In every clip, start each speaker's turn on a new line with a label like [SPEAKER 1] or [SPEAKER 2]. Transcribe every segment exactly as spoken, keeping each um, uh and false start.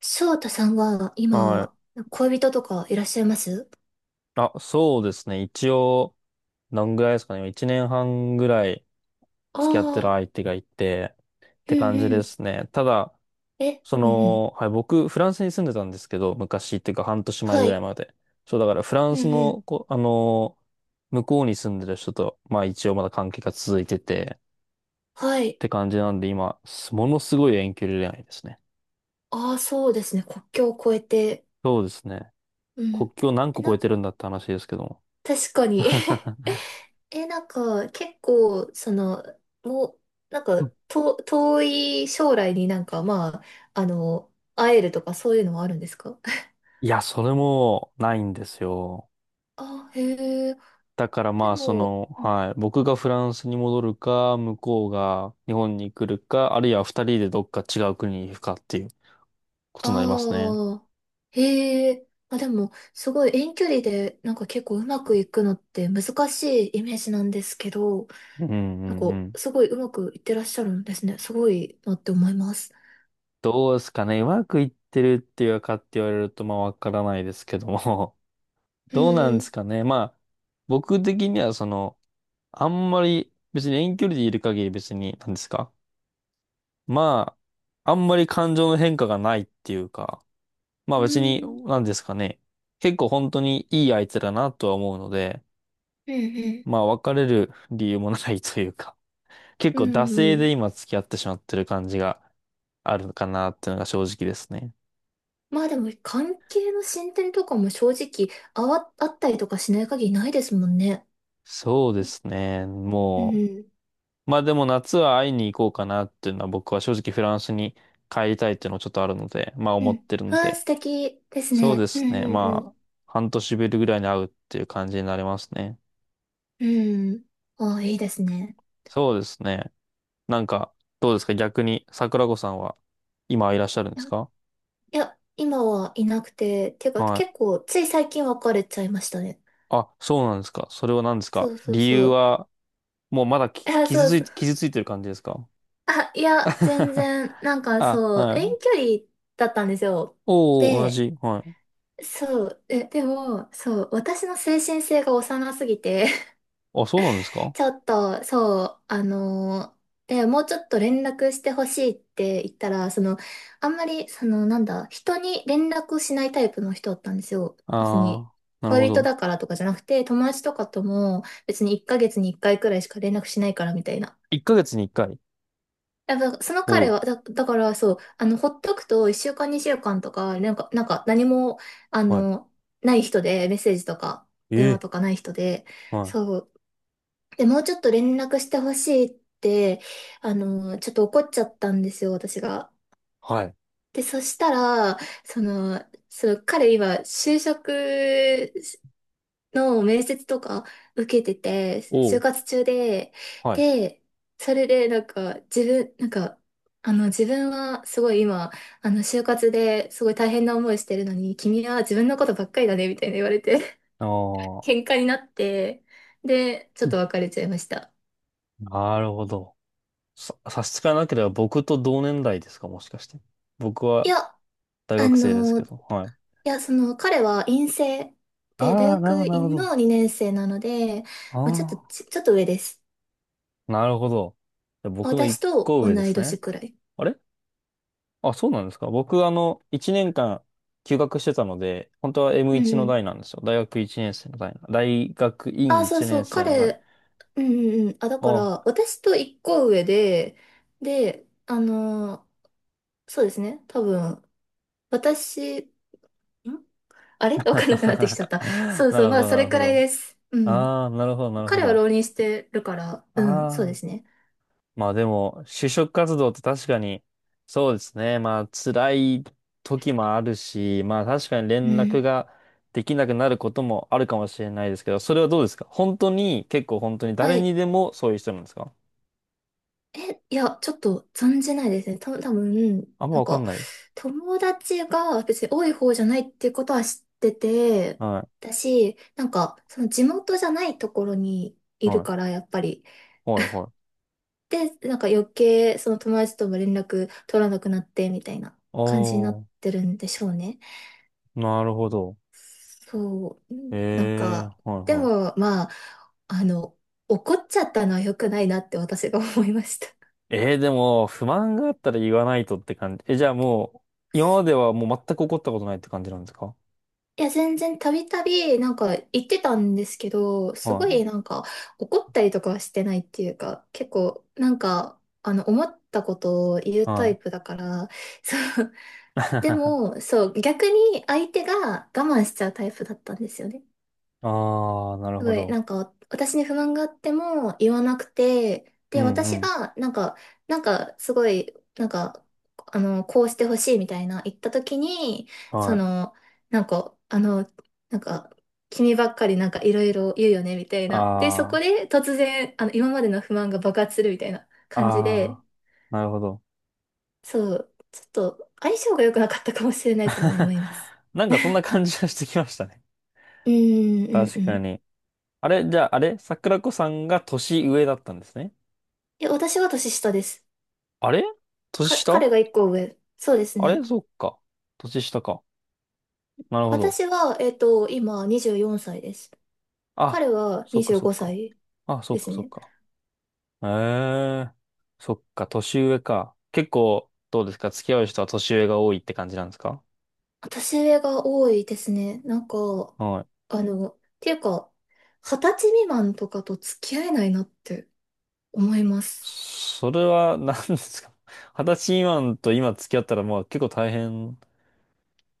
[SPEAKER 1] 翔太さんは
[SPEAKER 2] は
[SPEAKER 1] 今、
[SPEAKER 2] い。
[SPEAKER 1] 恋人とかいらっしゃいます？
[SPEAKER 2] あ、そうですね。一応、何ぐらいですかね。いちねんはんぐらい付き合ってる
[SPEAKER 1] ああ
[SPEAKER 2] 相手がいて、って
[SPEAKER 1] ー、
[SPEAKER 2] 感じ
[SPEAKER 1] うんう
[SPEAKER 2] で
[SPEAKER 1] ん。
[SPEAKER 2] すね。ただ、
[SPEAKER 1] え、
[SPEAKER 2] そ
[SPEAKER 1] うんうん。
[SPEAKER 2] の、はい、僕、フランスに住んでたんですけど、昔っていうかはんとしまえ
[SPEAKER 1] は
[SPEAKER 2] ぐらい
[SPEAKER 1] い。
[SPEAKER 2] まで。そう、だからフラン
[SPEAKER 1] う
[SPEAKER 2] ス
[SPEAKER 1] んうん。
[SPEAKER 2] の、こ、あの向こうに住んでる人と、まあ一応まだ関係が続いてて、
[SPEAKER 1] は
[SPEAKER 2] っ
[SPEAKER 1] い。
[SPEAKER 2] て感じなんで、今、すものすごい遠距離恋愛ですね。
[SPEAKER 1] ああ、そうですね。国境を越えて。
[SPEAKER 2] そうですね。
[SPEAKER 1] うん。
[SPEAKER 2] 国境何
[SPEAKER 1] え、
[SPEAKER 2] 個超え
[SPEAKER 1] な、
[SPEAKER 2] てるんだって話ですけども。
[SPEAKER 1] 確かに。え、なんか、結構、その、もう、なんか、と、遠い将来になんか、まあ、あの、会えるとかそういうのはあるんですか？
[SPEAKER 2] いや、それもないんですよ。
[SPEAKER 1] あへえ。
[SPEAKER 2] だから
[SPEAKER 1] で
[SPEAKER 2] まあ、そ
[SPEAKER 1] も、
[SPEAKER 2] の、
[SPEAKER 1] うん。
[SPEAKER 2] はい、僕がフランスに戻るか、向こうが日本に来るか、あるいはふたりでどっか違う国に行くかっていうことになりますね。
[SPEAKER 1] ああ、へえ。あ、でも、すごい遠距離で、なんか結構うまくいくのって難しいイメージなんですけど、
[SPEAKER 2] うんう
[SPEAKER 1] なん
[SPEAKER 2] んう
[SPEAKER 1] か
[SPEAKER 2] ん。
[SPEAKER 1] すごいうまくいってらっしゃるんですね。すごいなって思います。
[SPEAKER 2] どうですかね。うまくいってるっていうかって言われると、まあ、わからないですけども。
[SPEAKER 1] う
[SPEAKER 2] どうなんで
[SPEAKER 1] ん。
[SPEAKER 2] すかね。まあ、僕的には、その、あんまり、別に遠距離でいる限り別に、何ですか。まあ、あんまり感情の変化がないっていうか、まあ
[SPEAKER 1] う
[SPEAKER 2] 別に、
[SPEAKER 1] ん。
[SPEAKER 2] なんですかね。結構本当にいい相手だなとは思うので、
[SPEAKER 1] うんうん。
[SPEAKER 2] まあ別れる理由もないというか、結
[SPEAKER 1] う
[SPEAKER 2] 構惰
[SPEAKER 1] んう
[SPEAKER 2] 性で
[SPEAKER 1] ん。
[SPEAKER 2] 今付き合ってしまってる感じがあるかなっていうのが正直ですね。
[SPEAKER 1] まあでも、関係の進展とかも正直、あわ、あったりとかしない限りないですもんね。
[SPEAKER 2] そうですね。
[SPEAKER 1] う
[SPEAKER 2] も
[SPEAKER 1] ん。
[SPEAKER 2] う、まあでも夏は会いに行こうかなっていうのは、僕は正直フランスに帰りたいっていうのもちょっとあるので、まあ
[SPEAKER 1] う
[SPEAKER 2] 思っ
[SPEAKER 1] ん。
[SPEAKER 2] てるの
[SPEAKER 1] ああ、
[SPEAKER 2] で、
[SPEAKER 1] 素敵です
[SPEAKER 2] そうで
[SPEAKER 1] ね。う
[SPEAKER 2] すね。
[SPEAKER 1] んう
[SPEAKER 2] まあ
[SPEAKER 1] ん
[SPEAKER 2] 半年ぶりぐらいに会うっていう感じになりますね。
[SPEAKER 1] うん。うん。ああ、いいですね。
[SPEAKER 2] そうですね。なんか、どうですか逆に、桜子さんは今いらっしゃるんですか？
[SPEAKER 1] いや、今はいなくて、てか
[SPEAKER 2] は
[SPEAKER 1] 結
[SPEAKER 2] い。
[SPEAKER 1] 構つい最近別れちゃいましたね。
[SPEAKER 2] あ、そうなんですか。それは何です
[SPEAKER 1] そ
[SPEAKER 2] か、
[SPEAKER 1] うそう
[SPEAKER 2] 理由
[SPEAKER 1] そう。
[SPEAKER 2] は。もうまだ き
[SPEAKER 1] いや、
[SPEAKER 2] 傷
[SPEAKER 1] そう
[SPEAKER 2] つい
[SPEAKER 1] そう。
[SPEAKER 2] て、傷ついてる感じですか？
[SPEAKER 1] あ、いや、全 然、なんか
[SPEAKER 2] あ、
[SPEAKER 1] そう、
[SPEAKER 2] は
[SPEAKER 1] 遠
[SPEAKER 2] い。
[SPEAKER 1] 距離だったんですよ。
[SPEAKER 2] おお、同
[SPEAKER 1] で、
[SPEAKER 2] じ。はい。
[SPEAKER 1] そう、え、でも、そう、私の精神性が幼すぎて
[SPEAKER 2] あ、そうなんですか？
[SPEAKER 1] ちょっと、そう、あのー、で、もうちょっと連絡してほしいって言ったら、その、あんまり、その、なんだ、人に連絡をしないタイプの人だったんですよ。別に、
[SPEAKER 2] ああー、なるほ
[SPEAKER 1] 恋人
[SPEAKER 2] ど。
[SPEAKER 1] だからとかじゃなくて、友達とかとも、別にいっかげつにいっかいくらいしか連絡しないからみたいな。
[SPEAKER 2] いっかげつにいっかい。
[SPEAKER 1] やっぱ、その
[SPEAKER 2] お
[SPEAKER 1] 彼
[SPEAKER 2] お、
[SPEAKER 1] は、だ、だからそう、あの、ほっとくといっしゅうかんにしゅうかんとか、なんか、なんか何も、あ
[SPEAKER 2] はい。
[SPEAKER 1] の、ない人で、メッセージとか、
[SPEAKER 2] え
[SPEAKER 1] 電話
[SPEAKER 2] え、
[SPEAKER 1] とかない人で、
[SPEAKER 2] はい。
[SPEAKER 1] そう。で、もうちょっと連絡してほしいって、あの、ちょっと怒っちゃったんですよ、私が。
[SPEAKER 2] はい。
[SPEAKER 1] で、そしたら、その、その彼今、就職の面接とか受けてて、
[SPEAKER 2] お
[SPEAKER 1] 就
[SPEAKER 2] お、
[SPEAKER 1] 活中で、
[SPEAKER 2] はい。
[SPEAKER 1] で、それでなんか、自分、なんか、あの、自分はすごい今、あの、就活ですごい大変な思いしてるのに、君は自分のことばっかりだね、みたいな言われて、
[SPEAKER 2] あ あ、
[SPEAKER 1] 喧嘩になって、で、ちょっと別れちゃいました。
[SPEAKER 2] なるほど。さ、差し支えなければ僕と同年代ですか、もしかして。僕
[SPEAKER 1] い
[SPEAKER 2] は
[SPEAKER 1] や、あ
[SPEAKER 2] 大学生です
[SPEAKER 1] の
[SPEAKER 2] け
[SPEAKER 1] い
[SPEAKER 2] ど。はい。
[SPEAKER 1] や、その、彼は院生で、大
[SPEAKER 2] ああ、なるほど、
[SPEAKER 1] 学
[SPEAKER 2] なるほ
[SPEAKER 1] 院
[SPEAKER 2] ど。
[SPEAKER 1] のにねん生なので、まあ、ちょっと
[SPEAKER 2] あ
[SPEAKER 1] ち、ちょっと上です。
[SPEAKER 2] あ、なるほど。じゃあ僕の一
[SPEAKER 1] 私と同
[SPEAKER 2] 個上で
[SPEAKER 1] い
[SPEAKER 2] す
[SPEAKER 1] 年
[SPEAKER 2] ね。
[SPEAKER 1] くらい。
[SPEAKER 2] あれ、あ、そうなんですか。僕、あの、いちねんかん休学してたので、本当は
[SPEAKER 1] う
[SPEAKER 2] エムワン
[SPEAKER 1] んう
[SPEAKER 2] の
[SPEAKER 1] ん。
[SPEAKER 2] 代なんですよ。だいがくいちねんせいの代。大学院
[SPEAKER 1] あ、そう
[SPEAKER 2] 一
[SPEAKER 1] そ
[SPEAKER 2] 年
[SPEAKER 1] う、
[SPEAKER 2] 生の代。
[SPEAKER 1] 彼、うんうんうん。あ、だから、
[SPEAKER 2] お、
[SPEAKER 1] 私と一個上で、で、あのーそうですね、多分、私、んあれ わかんなくなってきちゃった。
[SPEAKER 2] な
[SPEAKER 1] そうそう、
[SPEAKER 2] るほ
[SPEAKER 1] まあ、
[SPEAKER 2] ど、
[SPEAKER 1] そ
[SPEAKER 2] な
[SPEAKER 1] れ
[SPEAKER 2] るほ
[SPEAKER 1] くらい
[SPEAKER 2] ど。
[SPEAKER 1] です。うん。
[SPEAKER 2] ああ、なるほど、なるほ
[SPEAKER 1] 彼は
[SPEAKER 2] ど。
[SPEAKER 1] 浪人してるから、
[SPEAKER 2] あ
[SPEAKER 1] うん、そうです
[SPEAKER 2] あ。
[SPEAKER 1] ね。
[SPEAKER 2] まあでも、就職活動って確かに、そうですね。まあ辛い時もあるし、まあ確かに
[SPEAKER 1] う
[SPEAKER 2] 連絡
[SPEAKER 1] ん。
[SPEAKER 2] ができなくなることもあるかもしれないですけど、それはどうですか、本当に、結構本当に
[SPEAKER 1] は
[SPEAKER 2] 誰に
[SPEAKER 1] い。
[SPEAKER 2] でもそういう人なんですか？
[SPEAKER 1] え、いや、ちょっと存じないですね。た、多分、
[SPEAKER 2] あんま
[SPEAKER 1] なん
[SPEAKER 2] わか
[SPEAKER 1] か、
[SPEAKER 2] んない。
[SPEAKER 1] 友達が別に多い方じゃないっていうことは知ってて、
[SPEAKER 2] はい。
[SPEAKER 1] だし、なんか、その地元じゃないところにい
[SPEAKER 2] は
[SPEAKER 1] る
[SPEAKER 2] い。
[SPEAKER 1] から、やっぱり。
[SPEAKER 2] はい。はい。
[SPEAKER 1] で、なんか余計、その友達とも連絡取らなくなって、みたいな感じになっ
[SPEAKER 2] あ
[SPEAKER 1] てるんでしょうね。
[SPEAKER 2] あ、なるほど。
[SPEAKER 1] そう、うんなん
[SPEAKER 2] ええ、
[SPEAKER 1] か、
[SPEAKER 2] はい
[SPEAKER 1] で
[SPEAKER 2] はい。
[SPEAKER 1] も、まあ、あの、怒っちゃったのは良くないなって私が思いました。
[SPEAKER 2] ええ、でも、不満があったら言わないとって感じ。え、じゃあもう、今まではもう全く怒ったことないって感じなんですか？
[SPEAKER 1] いや、全然たびたび、なんか言ってたんですけど、すご
[SPEAKER 2] は
[SPEAKER 1] いなんか怒ったりとかはしてないっていうか、結構なんか、あの、思ったことを言う
[SPEAKER 2] い。
[SPEAKER 1] タ
[SPEAKER 2] は
[SPEAKER 1] イ
[SPEAKER 2] い。
[SPEAKER 1] プだから、そう。で も、そう、逆に相手が我慢しちゃうタイプだったんですよね。
[SPEAKER 2] ああ、なる
[SPEAKER 1] す
[SPEAKER 2] ほ
[SPEAKER 1] ごい、な
[SPEAKER 2] ど。
[SPEAKER 1] んか、私に不満があっても言わなくて、
[SPEAKER 2] う
[SPEAKER 1] で、
[SPEAKER 2] んう
[SPEAKER 1] 私
[SPEAKER 2] ん。
[SPEAKER 1] が、なんか、なんか、すごい、なんか、あの、こうしてほしいみたいな言った時に、
[SPEAKER 2] は
[SPEAKER 1] そ
[SPEAKER 2] い。
[SPEAKER 1] の、なんか、あの、なんか、君ばっかりなんかいろいろ言うよね、みたいな。で、そこ
[SPEAKER 2] あ
[SPEAKER 1] で突然、あの、今までの不満が爆発するみたいな
[SPEAKER 2] あ、
[SPEAKER 1] 感じで、
[SPEAKER 2] ああ、なるほど。
[SPEAKER 1] そう、ちょっと相性が良くなかったかもしれないとも思 います。
[SPEAKER 2] なんかそんな感じがしてきましたね。
[SPEAKER 1] うん、うん、
[SPEAKER 2] 確
[SPEAKER 1] う
[SPEAKER 2] か
[SPEAKER 1] ん。
[SPEAKER 2] に。あれ、じゃあ、あれ桜子さんが年上だったんですね。
[SPEAKER 1] え、私は年下です。
[SPEAKER 2] あれ、年
[SPEAKER 1] か、
[SPEAKER 2] 下、
[SPEAKER 1] 彼が一個上。そうです
[SPEAKER 2] あれ、
[SPEAKER 1] ね。
[SPEAKER 2] そっか。年下か。なるほど。
[SPEAKER 1] 私は、えっと、今にじゅうよんさいです。
[SPEAKER 2] あ、
[SPEAKER 1] 彼は
[SPEAKER 2] そっか
[SPEAKER 1] 25
[SPEAKER 2] そっか。
[SPEAKER 1] 歳
[SPEAKER 2] あ、そ
[SPEAKER 1] で
[SPEAKER 2] っか
[SPEAKER 1] す
[SPEAKER 2] そっ
[SPEAKER 1] ね。
[SPEAKER 2] か。ええ、そっか、年上か。結構、どうですか、付き合う人は年上が多いって感じなんですか？
[SPEAKER 1] 年上が多いですね。なんか、
[SPEAKER 2] はい。
[SPEAKER 1] あの、っていうか、二十歳未満とかと付き合えないなって思います。
[SPEAKER 2] それは何ですか？ はたちみまんと今付き合ったら、まあ結構大変。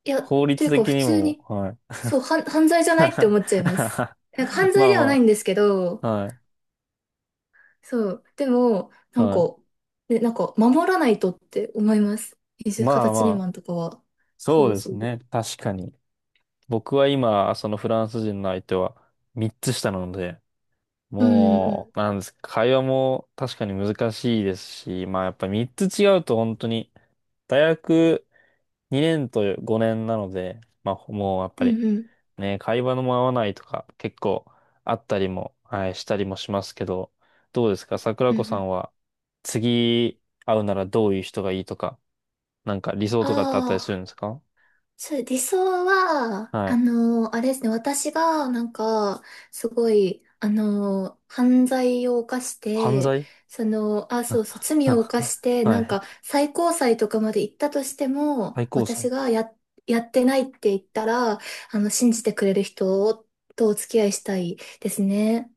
[SPEAKER 1] いや、っ
[SPEAKER 2] 法律
[SPEAKER 1] ていうか
[SPEAKER 2] 的
[SPEAKER 1] 普
[SPEAKER 2] に
[SPEAKER 1] 通
[SPEAKER 2] も、
[SPEAKER 1] に、
[SPEAKER 2] はい。
[SPEAKER 1] そう、はん犯罪じゃないって 思っちゃいます。なんか犯
[SPEAKER 2] ま
[SPEAKER 1] 罪
[SPEAKER 2] あ
[SPEAKER 1] ではない
[SPEAKER 2] ま
[SPEAKER 1] んですけ
[SPEAKER 2] あ、
[SPEAKER 1] ど、
[SPEAKER 2] はい、
[SPEAKER 1] そう、でも、なん
[SPEAKER 2] は
[SPEAKER 1] か、
[SPEAKER 2] い。
[SPEAKER 1] ね、なんか守らないとって思います。20、二
[SPEAKER 2] ま
[SPEAKER 1] 十
[SPEAKER 2] あ
[SPEAKER 1] 歳
[SPEAKER 2] ま
[SPEAKER 1] 未
[SPEAKER 2] あ、
[SPEAKER 1] 満とかは。
[SPEAKER 2] そ
[SPEAKER 1] そ
[SPEAKER 2] う
[SPEAKER 1] う
[SPEAKER 2] で
[SPEAKER 1] そ
[SPEAKER 2] す
[SPEAKER 1] う。
[SPEAKER 2] ね。確かに。僕は今、そのフランス人の相手はみっつ下なので、
[SPEAKER 1] うんうん。
[SPEAKER 2] もう、なんですか、会話も確かに難しいですし、まあやっぱりみっつ違うと本当に、大学にねんとごねんなので、まあもうやっぱ
[SPEAKER 1] う
[SPEAKER 2] り、
[SPEAKER 1] んうん
[SPEAKER 2] ね、会話のも合わないとか結構あったりも、はい、したりもしますけど、どうですか、桜
[SPEAKER 1] うんう
[SPEAKER 2] 子さ
[SPEAKER 1] ん。
[SPEAKER 2] んは次会うならどういう人がいいとか、なんか理想とかってあったり
[SPEAKER 1] あ
[SPEAKER 2] するん
[SPEAKER 1] あ、
[SPEAKER 2] ですか？
[SPEAKER 1] そう、理想は、
[SPEAKER 2] は
[SPEAKER 1] あ
[SPEAKER 2] い。
[SPEAKER 1] の、あれですね、私が、なんか、すごい、あの、犯罪を犯し
[SPEAKER 2] 犯
[SPEAKER 1] て、
[SPEAKER 2] 罪。
[SPEAKER 1] その、あ、そう そう、罪を犯して、
[SPEAKER 2] は
[SPEAKER 1] なん
[SPEAKER 2] い。
[SPEAKER 1] か、最高裁とかまで行ったとしても、
[SPEAKER 2] 最高
[SPEAKER 1] 私
[SPEAKER 2] 裁。
[SPEAKER 1] がや、やってないって言ったら、あの、信じてくれる人とお付き合いしたいですね。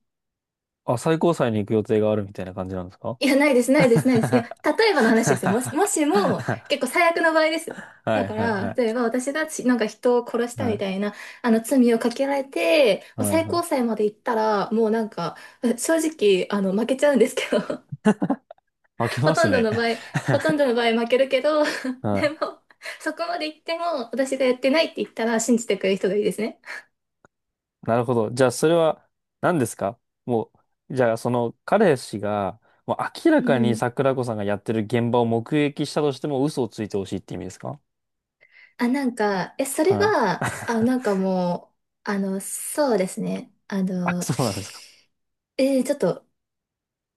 [SPEAKER 2] あ、最高裁に行く予定があるみたいな感じなんですか？
[SPEAKER 1] いや、ないです、ないです、ないです。いや、
[SPEAKER 2] は
[SPEAKER 1] 例えばの話ですよ。もし、もしも、結構最悪の場合です
[SPEAKER 2] い
[SPEAKER 1] よ。
[SPEAKER 2] は
[SPEAKER 1] だ
[SPEAKER 2] い
[SPEAKER 1] か
[SPEAKER 2] は
[SPEAKER 1] ら、例え
[SPEAKER 2] い。
[SPEAKER 1] ば私がしなんか人を殺し
[SPEAKER 2] は
[SPEAKER 1] たみ
[SPEAKER 2] い
[SPEAKER 1] たいな、あの、罪をかけられて、
[SPEAKER 2] は
[SPEAKER 1] もう
[SPEAKER 2] い
[SPEAKER 1] 最
[SPEAKER 2] は
[SPEAKER 1] 高
[SPEAKER 2] い。
[SPEAKER 1] 裁まで行ったら、もうなんか、え正直、あの、負けちゃうんですけど、
[SPEAKER 2] 開け
[SPEAKER 1] ほ
[SPEAKER 2] ま
[SPEAKER 1] と
[SPEAKER 2] す
[SPEAKER 1] んど
[SPEAKER 2] ね。
[SPEAKER 1] の場合、ほとんどの場合負けるけど、
[SPEAKER 2] は
[SPEAKER 1] で
[SPEAKER 2] い、
[SPEAKER 1] も、そこまで行っても、私がやってないって言ったら信じてくれる人がいいですね。
[SPEAKER 2] なるほど。じゃあ、それは何ですか、もう、じゃあ、その彼氏が、もう明ら
[SPEAKER 1] う
[SPEAKER 2] かに
[SPEAKER 1] ん。
[SPEAKER 2] 桜子さんがやってる現場を目撃したとしても嘘をついてほしいって意味ですか？
[SPEAKER 1] あ、なんか、え、それ
[SPEAKER 2] はい。
[SPEAKER 1] は、あ、なんかもう、あの、そうですね。あ
[SPEAKER 2] あ、
[SPEAKER 1] の、
[SPEAKER 2] そうなんですか。
[SPEAKER 1] ええちょっと、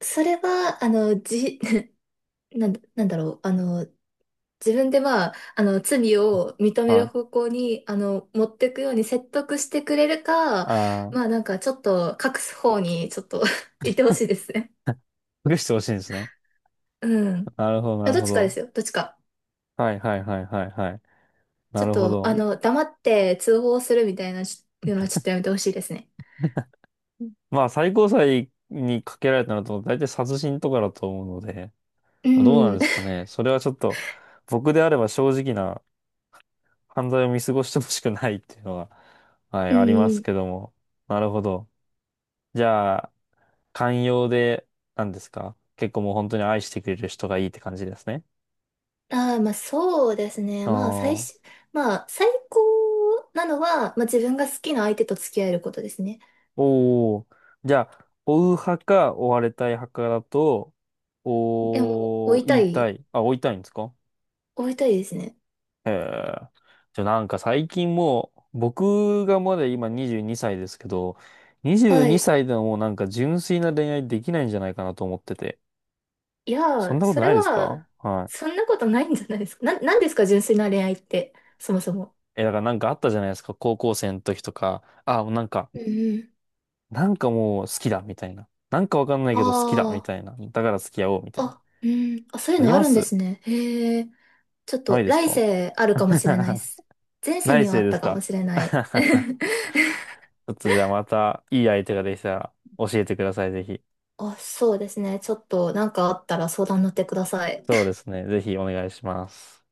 [SPEAKER 1] それは、あの、じ、なんだ、なんだろう、あの、自分でまあ、あの、罪を認め
[SPEAKER 2] は
[SPEAKER 1] る
[SPEAKER 2] い。
[SPEAKER 1] 方向に、あの、持っていくように説得してくれるか、
[SPEAKER 2] あ
[SPEAKER 1] まあなんかちょっと隠す方にちょっと 行ってほしいですね。
[SPEAKER 2] あ、隠してほしいんですね。
[SPEAKER 1] うん。
[SPEAKER 2] なるほど、な
[SPEAKER 1] あ
[SPEAKER 2] る
[SPEAKER 1] どっ
[SPEAKER 2] ほ
[SPEAKER 1] ちかで
[SPEAKER 2] ど。
[SPEAKER 1] すよ、どっちか。
[SPEAKER 2] はい、はい、はい、はい、はい。な
[SPEAKER 1] ちょっ
[SPEAKER 2] るほ
[SPEAKER 1] と、あ
[SPEAKER 2] ど。
[SPEAKER 1] の、黙って通報するみたいないうのはちょっとやめてほしいですね。
[SPEAKER 2] まあ、最高裁にかけられたのと、大体殺人とかだと思うので、
[SPEAKER 1] う
[SPEAKER 2] どうなん
[SPEAKER 1] ん。
[SPEAKER 2] ですかね。それはちょっと、僕であれば正直な犯罪を見過ごしてほしくないっていうのは、は い、
[SPEAKER 1] う
[SPEAKER 2] あります
[SPEAKER 1] ん。
[SPEAKER 2] けども。なるほど。じゃあ、寛容で、なんですか、結構もう本当に愛してくれる人がいいって感じですね。
[SPEAKER 1] ああ、まあそうですね。
[SPEAKER 2] あ
[SPEAKER 1] まあ最初、
[SPEAKER 2] あ、
[SPEAKER 1] まあ最高なのは、まあ自分が好きな相手と付き合えることですね。
[SPEAKER 2] おお。じゃあ、追う派か追われたい派かだと、
[SPEAKER 1] いやもう、追
[SPEAKER 2] おー、
[SPEAKER 1] い
[SPEAKER 2] 言
[SPEAKER 1] た
[SPEAKER 2] いた
[SPEAKER 1] い。
[SPEAKER 2] い。あ、追いたいんですか？
[SPEAKER 1] 追いたいですね。
[SPEAKER 2] へえ。じゃあなんか最近もう、僕がまだ今にじゅうにさいですけど、22
[SPEAKER 1] はい。
[SPEAKER 2] 歳でももうなんか純粋な恋愛できないんじゃないかなと思ってて。
[SPEAKER 1] いや
[SPEAKER 2] そん
[SPEAKER 1] ー、
[SPEAKER 2] なこと
[SPEAKER 1] そ
[SPEAKER 2] な
[SPEAKER 1] れ
[SPEAKER 2] いですか？
[SPEAKER 1] は、
[SPEAKER 2] は
[SPEAKER 1] そんなことないんじゃないですか。な、なんですか、純粋な恋愛って、そもそも。
[SPEAKER 2] い。え、だからなんかあったじゃないですか。高校生の時とか。あ、もうなんか、
[SPEAKER 1] うんうん。
[SPEAKER 2] なんかもう好きだ、みたいな。なんかわかんないけど好きだ、み
[SPEAKER 1] あ
[SPEAKER 2] たいな。だから付き合おう、みた
[SPEAKER 1] あ、
[SPEAKER 2] いな。
[SPEAKER 1] あ、うん。あ、そうい
[SPEAKER 2] あ
[SPEAKER 1] う
[SPEAKER 2] り
[SPEAKER 1] のあ
[SPEAKER 2] ま
[SPEAKER 1] るんで
[SPEAKER 2] す。
[SPEAKER 1] すね。へえ。ちょっ
[SPEAKER 2] な
[SPEAKER 1] と、
[SPEAKER 2] いです
[SPEAKER 1] 来
[SPEAKER 2] か？
[SPEAKER 1] 世あるかもしれないで す。前世
[SPEAKER 2] 来
[SPEAKER 1] にはあ
[SPEAKER 2] 世
[SPEAKER 1] っ
[SPEAKER 2] で
[SPEAKER 1] た
[SPEAKER 2] す
[SPEAKER 1] か
[SPEAKER 2] か？
[SPEAKER 1] もしれない。
[SPEAKER 2] ち ょっとじゃあまたいい相手ができたら教えてください、ぜひ。
[SPEAKER 1] あ、そうですね。ちょっと、なんかあったら相談乗ってください。
[SPEAKER 2] そうですね。ぜひお願いします。